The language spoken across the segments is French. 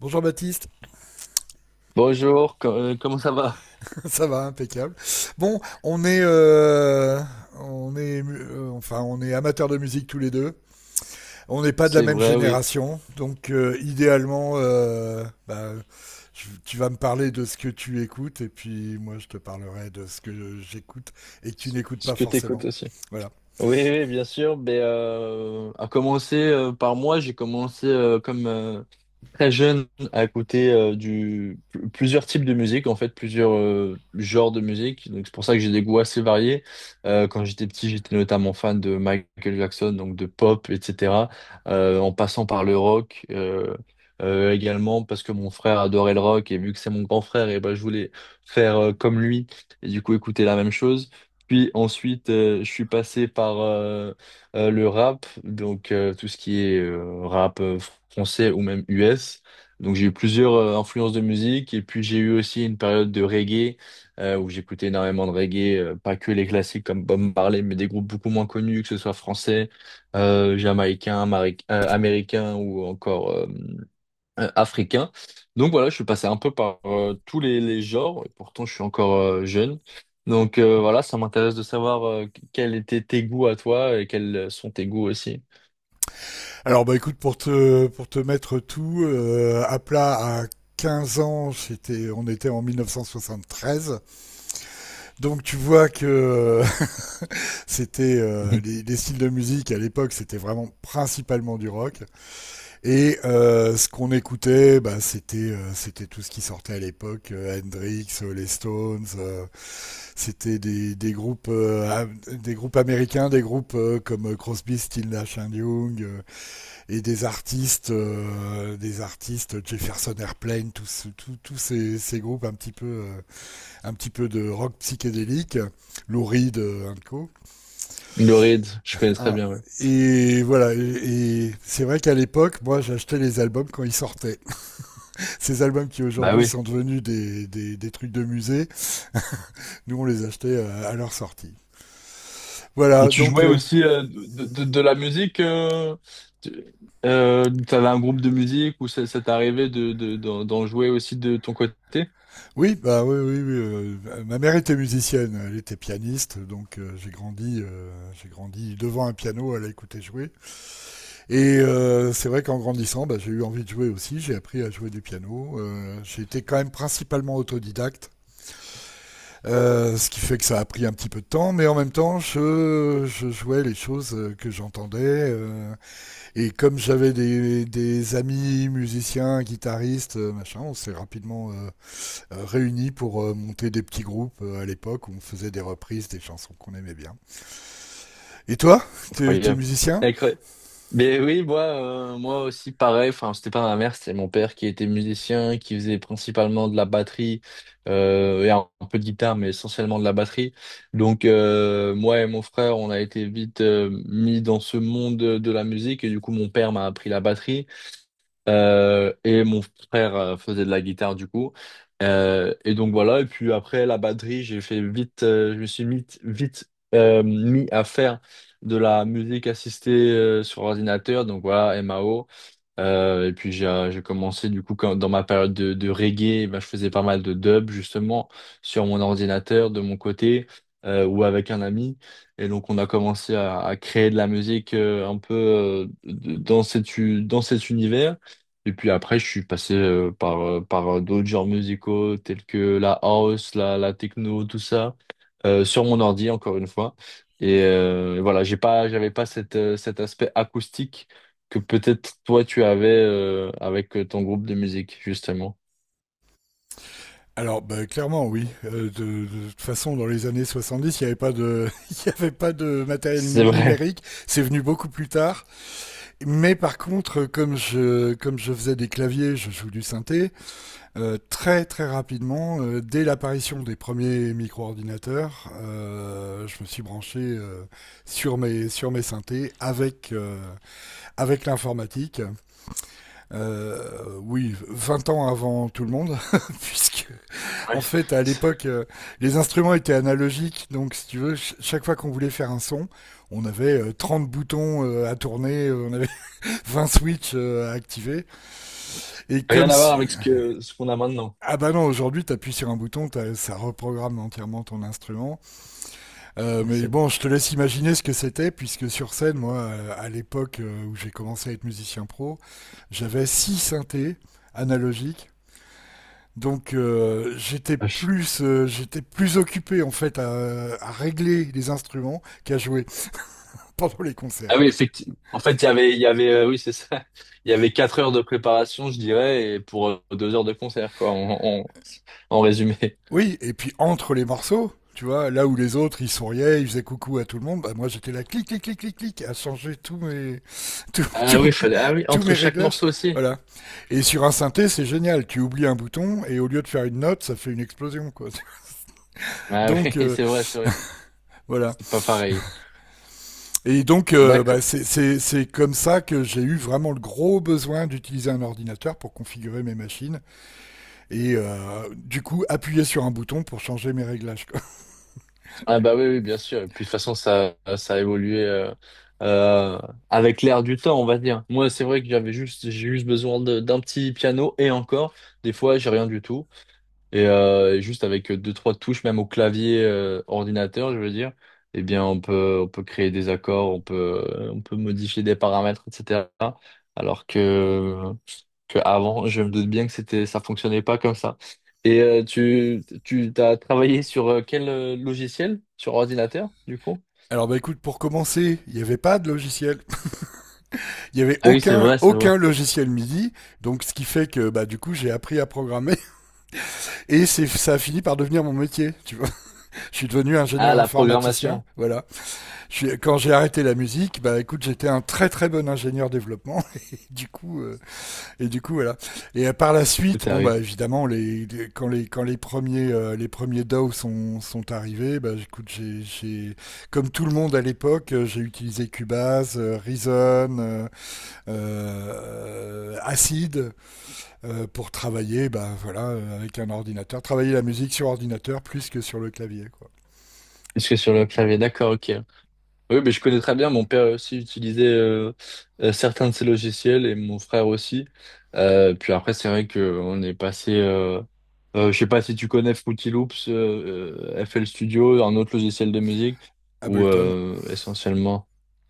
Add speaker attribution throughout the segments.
Speaker 1: Bonjour Baptiste.
Speaker 2: Bonjour, comment ça va?
Speaker 1: Ça va, impeccable. Bon, on est, enfin, on est amateurs de musique tous les deux. On n'est pas de la
Speaker 2: C'est
Speaker 1: même
Speaker 2: vrai, oui.
Speaker 1: génération, donc idéalement, bah, tu vas me parler de ce que tu écoutes et puis moi je te parlerai de ce que j'écoute et que tu n'écoutes
Speaker 2: Ce
Speaker 1: pas
Speaker 2: que t'écoutes
Speaker 1: forcément.
Speaker 2: aussi.
Speaker 1: Voilà.
Speaker 2: Oui, oui, bien sûr. Mais à commencer par moi, j'ai commencé comme très jeune à écouter plusieurs types de musique, en fait, plusieurs genres de musique. Donc c'est pour ça que j'ai des goûts assez variés. Quand j'étais petit, j'étais notamment fan de Michael Jackson, donc de pop, etc., en passant par le rock, également parce que mon frère adorait le rock et vu que c'est mon grand frère et ben je voulais faire comme lui et du coup écouter la même chose, puis ensuite, je suis passé par le rap, donc tout ce qui est rap français ou même US. Donc j'ai eu plusieurs influences de musique et puis j'ai eu aussi une période de reggae où j'écoutais énormément de reggae, pas que les classiques comme Bob Marley, mais des groupes beaucoup moins connus, que ce soit français, jamaïcain, américain ou encore africain. Donc voilà, je suis passé un peu par tous les genres, et pourtant je suis encore jeune. Donc voilà, ça m'intéresse de savoir quels étaient tes goûts à toi et quels sont tes goûts aussi.
Speaker 1: Alors bah écoute, pour te mettre tout à plat à 15 ans, j'étais, on était en 1973. Donc tu vois que c'était styles de musique à l'époque, c'était vraiment principalement du rock. Et ce qu'on écoutait, bah, c'était tout ce qui sortait à l'époque, Hendrix, les Stones. C'était des groupes américains, des groupes comme Crosby, Stills, Nash and Young, et des artistes Jefferson Airplane, groupes un petit peu de rock psychédélique, Lou Reed, un co.
Speaker 2: Le ride, je connais très
Speaker 1: Hein.
Speaker 2: bien, ouais.
Speaker 1: Et voilà, et, c'est vrai qu'à l'époque, moi j'achetais les albums quand ils sortaient. Ces albums qui
Speaker 2: Bah
Speaker 1: aujourd'hui
Speaker 2: oui.
Speaker 1: sont devenus des trucs de musée, nous on les achetait à leur sortie.
Speaker 2: Et
Speaker 1: Voilà,
Speaker 2: tu
Speaker 1: donc
Speaker 2: jouais aussi de la musique, tu t'avais un groupe de musique ou ça t'est arrivé d'en jouer aussi de ton côté?
Speaker 1: oui, bah oui, oui, oui, ma mère était musicienne, elle était pianiste, donc j'ai grandi, devant un piano, elle a écouté jouer. Et c'est vrai qu'en grandissant, bah, j'ai eu envie de jouer aussi, j'ai appris à jouer du piano. J'ai été quand même principalement autodidacte. Ce qui fait que ça a pris un petit peu de temps, mais en même temps, je jouais les choses que j'entendais. euh, et comme j'avais des amis musiciens, guitaristes, machin, on s'est rapidement, réunis pour monter des petits groupes à l'époque où on faisait des reprises des chansons qu'on aimait bien. Et toi, t'es
Speaker 2: Incroyable.
Speaker 1: musicien?
Speaker 2: Incroyable. Mais oui, moi, moi aussi pareil. Enfin, c'était pas ma mère, c'était mon père qui était musicien, qui faisait principalement de la batterie et un peu de guitare, mais essentiellement de la batterie. Donc moi et mon frère, on a été vite mis dans ce monde de la musique et du coup, mon père m'a appris la batterie. Et mon frère faisait de la guitare du coup. Et donc voilà, et puis après la batterie, j'ai fait vite, je me suis vite, vite mis à faire de la musique assistée sur ordinateur, donc voilà, MAO. Et puis j'ai commencé du coup dans ma période de reggae, ben, je faisais pas mal de dub justement sur mon ordinateur de mon côté ou avec un ami. Et donc on a commencé à créer de la musique un peu dans dans cet univers. Et puis après je suis passé par d'autres genres musicaux tels que la house, la techno, tout ça sur mon ordi encore une fois. Et voilà, j'avais pas cet aspect acoustique que peut-être toi tu avais avec ton groupe de musique, justement.
Speaker 1: Alors, bah, clairement, oui. De toute façon, dans les années 70, il n'y avait pas de, il y avait pas de matériel
Speaker 2: C'est vrai.
Speaker 1: numérique. C'est venu beaucoup plus tard. Mais par contre, comme je faisais des claviers, je joue du synthé, très très rapidement, dès l'apparition des premiers micro-ordinateurs, je me suis branché sur mes synthés avec l'informatique. Oui, 20 ans avant tout le monde, puisque
Speaker 2: Ouais.
Speaker 1: en fait à
Speaker 2: C'est-
Speaker 1: l'époque, les instruments étaient analogiques, donc si tu veux, chaque fois qu'on voulait faire un son, on avait 30 boutons à tourner, on avait 20 switches à activer. Et
Speaker 2: Rien
Speaker 1: comme
Speaker 2: à voir
Speaker 1: si...
Speaker 2: avec ce qu'on a maintenant.
Speaker 1: Ah bah non, aujourd'hui, t'appuies sur un bouton, ça reprogramme entièrement ton instrument. Mais
Speaker 2: C'est
Speaker 1: bon, je te laisse imaginer ce que c'était, puisque sur scène, moi, à l'époque où j'ai commencé à être musicien pro, j'avais 6 synthés analogiques. Donc j'étais
Speaker 2: vache.
Speaker 1: plus euh, j'étais plus occupé en fait à régler les instruments qu'à jouer pendant les
Speaker 2: Ah
Speaker 1: concerts.
Speaker 2: oui, effectivement. En fait, il y avait, oui, c'est ça. Il y avait 4 heures de préparation, je dirais, et pour 2 heures de concert, quoi, en résumé.
Speaker 1: Oui, et puis entre les morceaux, tu vois, là où les autres ils souriaient, ils faisaient coucou à tout le monde, bah moi j'étais là clic clic clic clic clic à changer tous mes tous,
Speaker 2: Ah
Speaker 1: tous-
Speaker 2: oui, fallait, ah oui,
Speaker 1: tous mes
Speaker 2: entre chaque
Speaker 1: réglages,
Speaker 2: morceau aussi.
Speaker 1: voilà. Et sur un synthé, c'est génial, tu oublies un bouton et au lieu de faire une note, ça fait une explosion quoi.
Speaker 2: Ah
Speaker 1: Donc
Speaker 2: oui, c'est vrai, c'est vrai.
Speaker 1: voilà.
Speaker 2: C'est pas pareil.
Speaker 1: Et donc bah,
Speaker 2: D'accord.
Speaker 1: c'est comme ça que j'ai eu vraiment le gros besoin d'utiliser un ordinateur pour configurer mes machines et du coup appuyer sur un bouton pour changer mes réglages.
Speaker 2: Ah bah oui, oui, bien sûr. Et puis de toute façon, ça a évolué euh, avec l'air du temps, on va dire. Moi, c'est vrai que j'ai juste besoin d'un petit piano et encore, des fois, j'ai rien du tout. Et juste avec deux, trois touches, même au clavier ordinateur, je veux dire, eh bien, on peut créer des accords, on peut modifier des paramètres, etc. Alors que, avant, je me doute bien que c'était, ça fonctionnait pas comme ça. Et tu t'as travaillé sur quel logiciel? Sur ordinateur, du coup?
Speaker 1: Alors bah écoute, pour commencer, il n'y avait pas de logiciel. Il n'y avait
Speaker 2: Ah oui, c'est
Speaker 1: aucun,
Speaker 2: vrai, c'est vrai.
Speaker 1: aucun logiciel MIDI. Donc ce qui fait que bah du coup j'ai appris à programmer. Ça a fini par devenir mon métier. Tu vois, je suis devenu
Speaker 2: Ah,
Speaker 1: ingénieur
Speaker 2: la
Speaker 1: informaticien.
Speaker 2: programmation,
Speaker 1: Voilà. Quand j'ai arrêté la musique, bah écoute, j'étais un très très bon ingénieur développement. Et du coup, euh, Et du coup, voilà. Et par la
Speaker 2: tout
Speaker 1: suite, bon,
Speaker 2: arrive.
Speaker 1: bah, évidemment, quand les premiers DAW sont arrivés, bah, écoute, comme tout le monde à l'époque, j'ai utilisé Cubase, Reason, Acid, pour travailler, bah, voilà, avec un ordinateur. Travailler la musique sur ordinateur plus que sur le clavier, quoi.
Speaker 2: Puisque sur le clavier, d'accord, ok. Oui, mais je connais très bien. Mon père aussi utilisait certains de ces logiciels et mon frère aussi. Puis après, c'est vrai que on est passé. Je sais pas si tu connais Fruity Loops, FL Studio, un autre logiciel de musique, ou
Speaker 1: Ableton,
Speaker 2: essentiellement.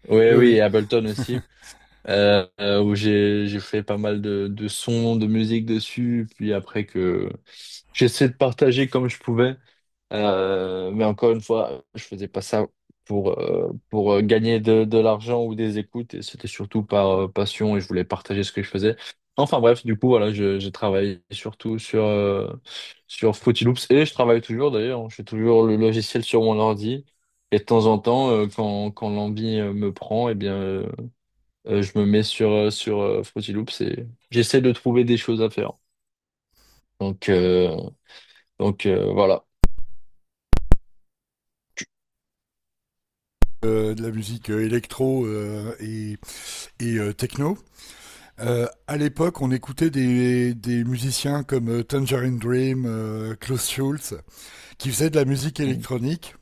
Speaker 2: Oui,
Speaker 1: oui,
Speaker 2: oui, et
Speaker 1: oui.
Speaker 2: Ableton aussi, où j'ai fait pas mal de sons, de musique dessus. Puis après que j'essaie de partager comme je pouvais. Mais encore une fois, je faisais pas ça pour gagner de l'argent ou des écoutes. Et c'était surtout par passion et je voulais partager ce que je faisais. Enfin bref, du coup, voilà, j'ai travaillé surtout sur Fruity Loops et je travaille toujours d'ailleurs. Je fais toujours le logiciel sur mon ordi. Et de temps en temps, quand l'envie me prend, eh bien, je me mets sur Fruity Loops et j'essaie de trouver des choses à faire. Donc, euh, voilà.
Speaker 1: De la musique électro et techno. À l'époque, on écoutait des musiciens comme Tangerine Dream, Klaus Schulze, qui faisaient de la musique électronique,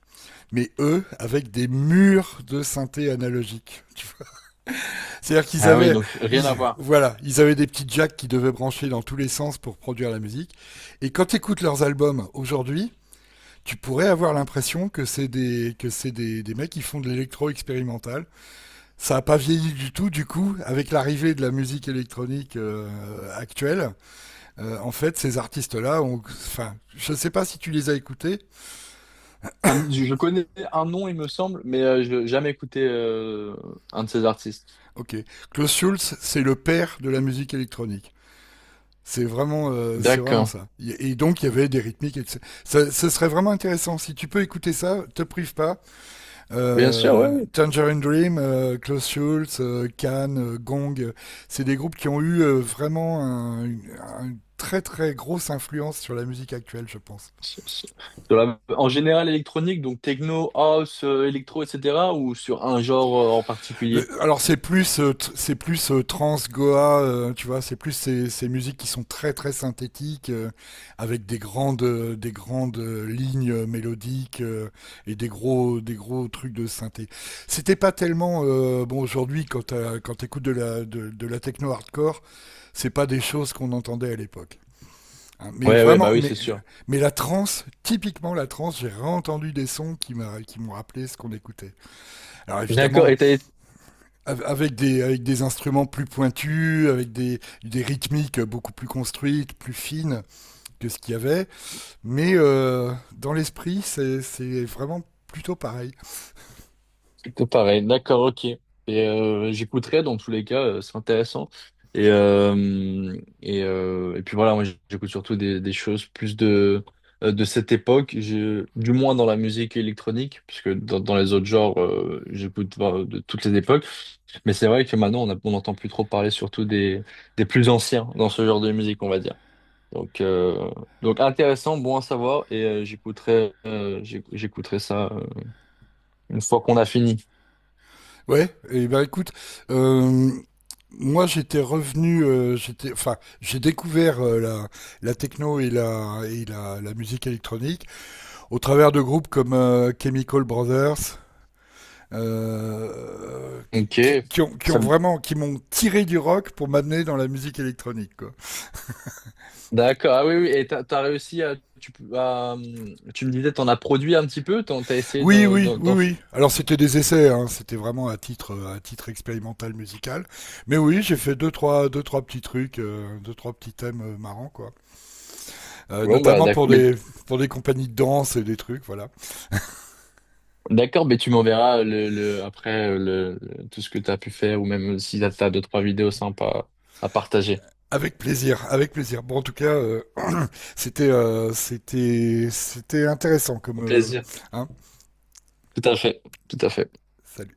Speaker 1: mais eux, avec des murs de synthé analogique. Tu vois. C'est-à-dire qu'ils
Speaker 2: Ah oui,
Speaker 1: avaient,
Speaker 2: donc rien à voir.
Speaker 1: voilà, ils avaient des petits jacks qui devaient brancher dans tous les sens pour produire la musique. Et quand tu écoutes leurs albums aujourd'hui, tu pourrais avoir l'impression que c'est des mecs qui font de l'électro expérimental. Ça n'a pas vieilli du tout, du coup, avec l'arrivée de la musique électronique actuelle. En fait, ces artistes-là, enfin, je ne sais pas si tu les as écoutés.
Speaker 2: Ah, je connais un nom, il me semble, mais je n'ai jamais écouté un de ces artistes.
Speaker 1: Ok, Klaus Schulze, c'est le père de la musique électronique. C'est vraiment
Speaker 2: D'accord.
Speaker 1: ça. Et donc, il y avait des rythmiques. Et tout ça. Ce serait vraiment intéressant. Si tu peux écouter ça, te prive pas.
Speaker 2: Bien sûr, ouais, oui.
Speaker 1: Tangerine Dream, Klaus Schulze, Can, Gong, c'est des groupes qui ont eu vraiment une très très grosse influence sur la musique actuelle, je pense.
Speaker 2: Sur- sur- En général, électronique, donc techno, house, électro, etc., ou sur un genre en particulier?
Speaker 1: Alors c'est plus trans Goa, tu vois, c'est plus ces musiques qui sont très très synthétiques avec des grandes lignes mélodiques, et des gros trucs de synthé. C'était pas tellement bon aujourd'hui quand quand t'écoutes de la techno hardcore, c'est pas des choses qu'on entendait à l'époque. Hein. mais
Speaker 2: Ouais, ouais, bah
Speaker 1: vraiment
Speaker 2: oui, c'est sûr.
Speaker 1: mais la trance, typiquement la trance, j'ai réentendu des sons qui m'ont rappelé ce qu'on écoutait. Alors
Speaker 2: D'accord.
Speaker 1: évidemment,
Speaker 2: Et t'as
Speaker 1: avec des instruments plus pointus, avec des rythmiques beaucoup plus construites, plus fines que ce qu'il y avait. Mais dans l'esprit, c'est vraiment plutôt pareil.
Speaker 2: Tout pareil, d'accord, ok. Et j'écouterai dans tous les cas, c'est intéressant. Et euh, et puis voilà, moi j'écoute surtout des choses plus de cette époque, je, du moins dans la musique électronique, puisque dans les autres genres, j'écoute de toutes les époques. Mais c'est vrai que maintenant on n'entend plus trop parler, surtout des plus anciens dans ce genre de musique, on va dire. Donc euh, donc intéressant, bon à savoir. Et j'écouterai j'écouterai ça une fois qu'on a fini.
Speaker 1: Ouais, et ben écoute, euh, moi j'étais revenu, j'étais, enfin, j'ai découvert la techno et la musique électronique au travers de groupes comme Chemical Brothers, euh,
Speaker 2: Ok,
Speaker 1: ont, qui ont
Speaker 2: ça-
Speaker 1: vraiment, qui m'ont tiré du rock pour m'amener dans la musique électronique. Quoi.
Speaker 2: d'accord. Ah oui, oui. T'as réussi à, tu, peux- à, tu me disais, t'en as produit un petit peu, t'as essayé
Speaker 1: Oui,
Speaker 2: d'en,
Speaker 1: oui,
Speaker 2: d'en,
Speaker 1: oui,
Speaker 2: d'en f-
Speaker 1: oui. Alors c'était des essais, hein, c'était vraiment à titre expérimental musical. Mais oui, j'ai fait deux trois petits trucs, deux trois petits thèmes marrants, quoi.
Speaker 2: Bon bah
Speaker 1: Notamment pour des, pour des compagnies de danse et des trucs, voilà.
Speaker 2: d'accord, mais tu m'enverras le, après le- tout ce que t'as pu faire ou même si t'as t'as deux trois vidéos sympas à partager.
Speaker 1: Avec plaisir, avec plaisir. Bon, en tout cas, c'était intéressant comme,
Speaker 2: Au plaisir.
Speaker 1: hein.
Speaker 2: Tout à fait, tout à fait.
Speaker 1: Salut.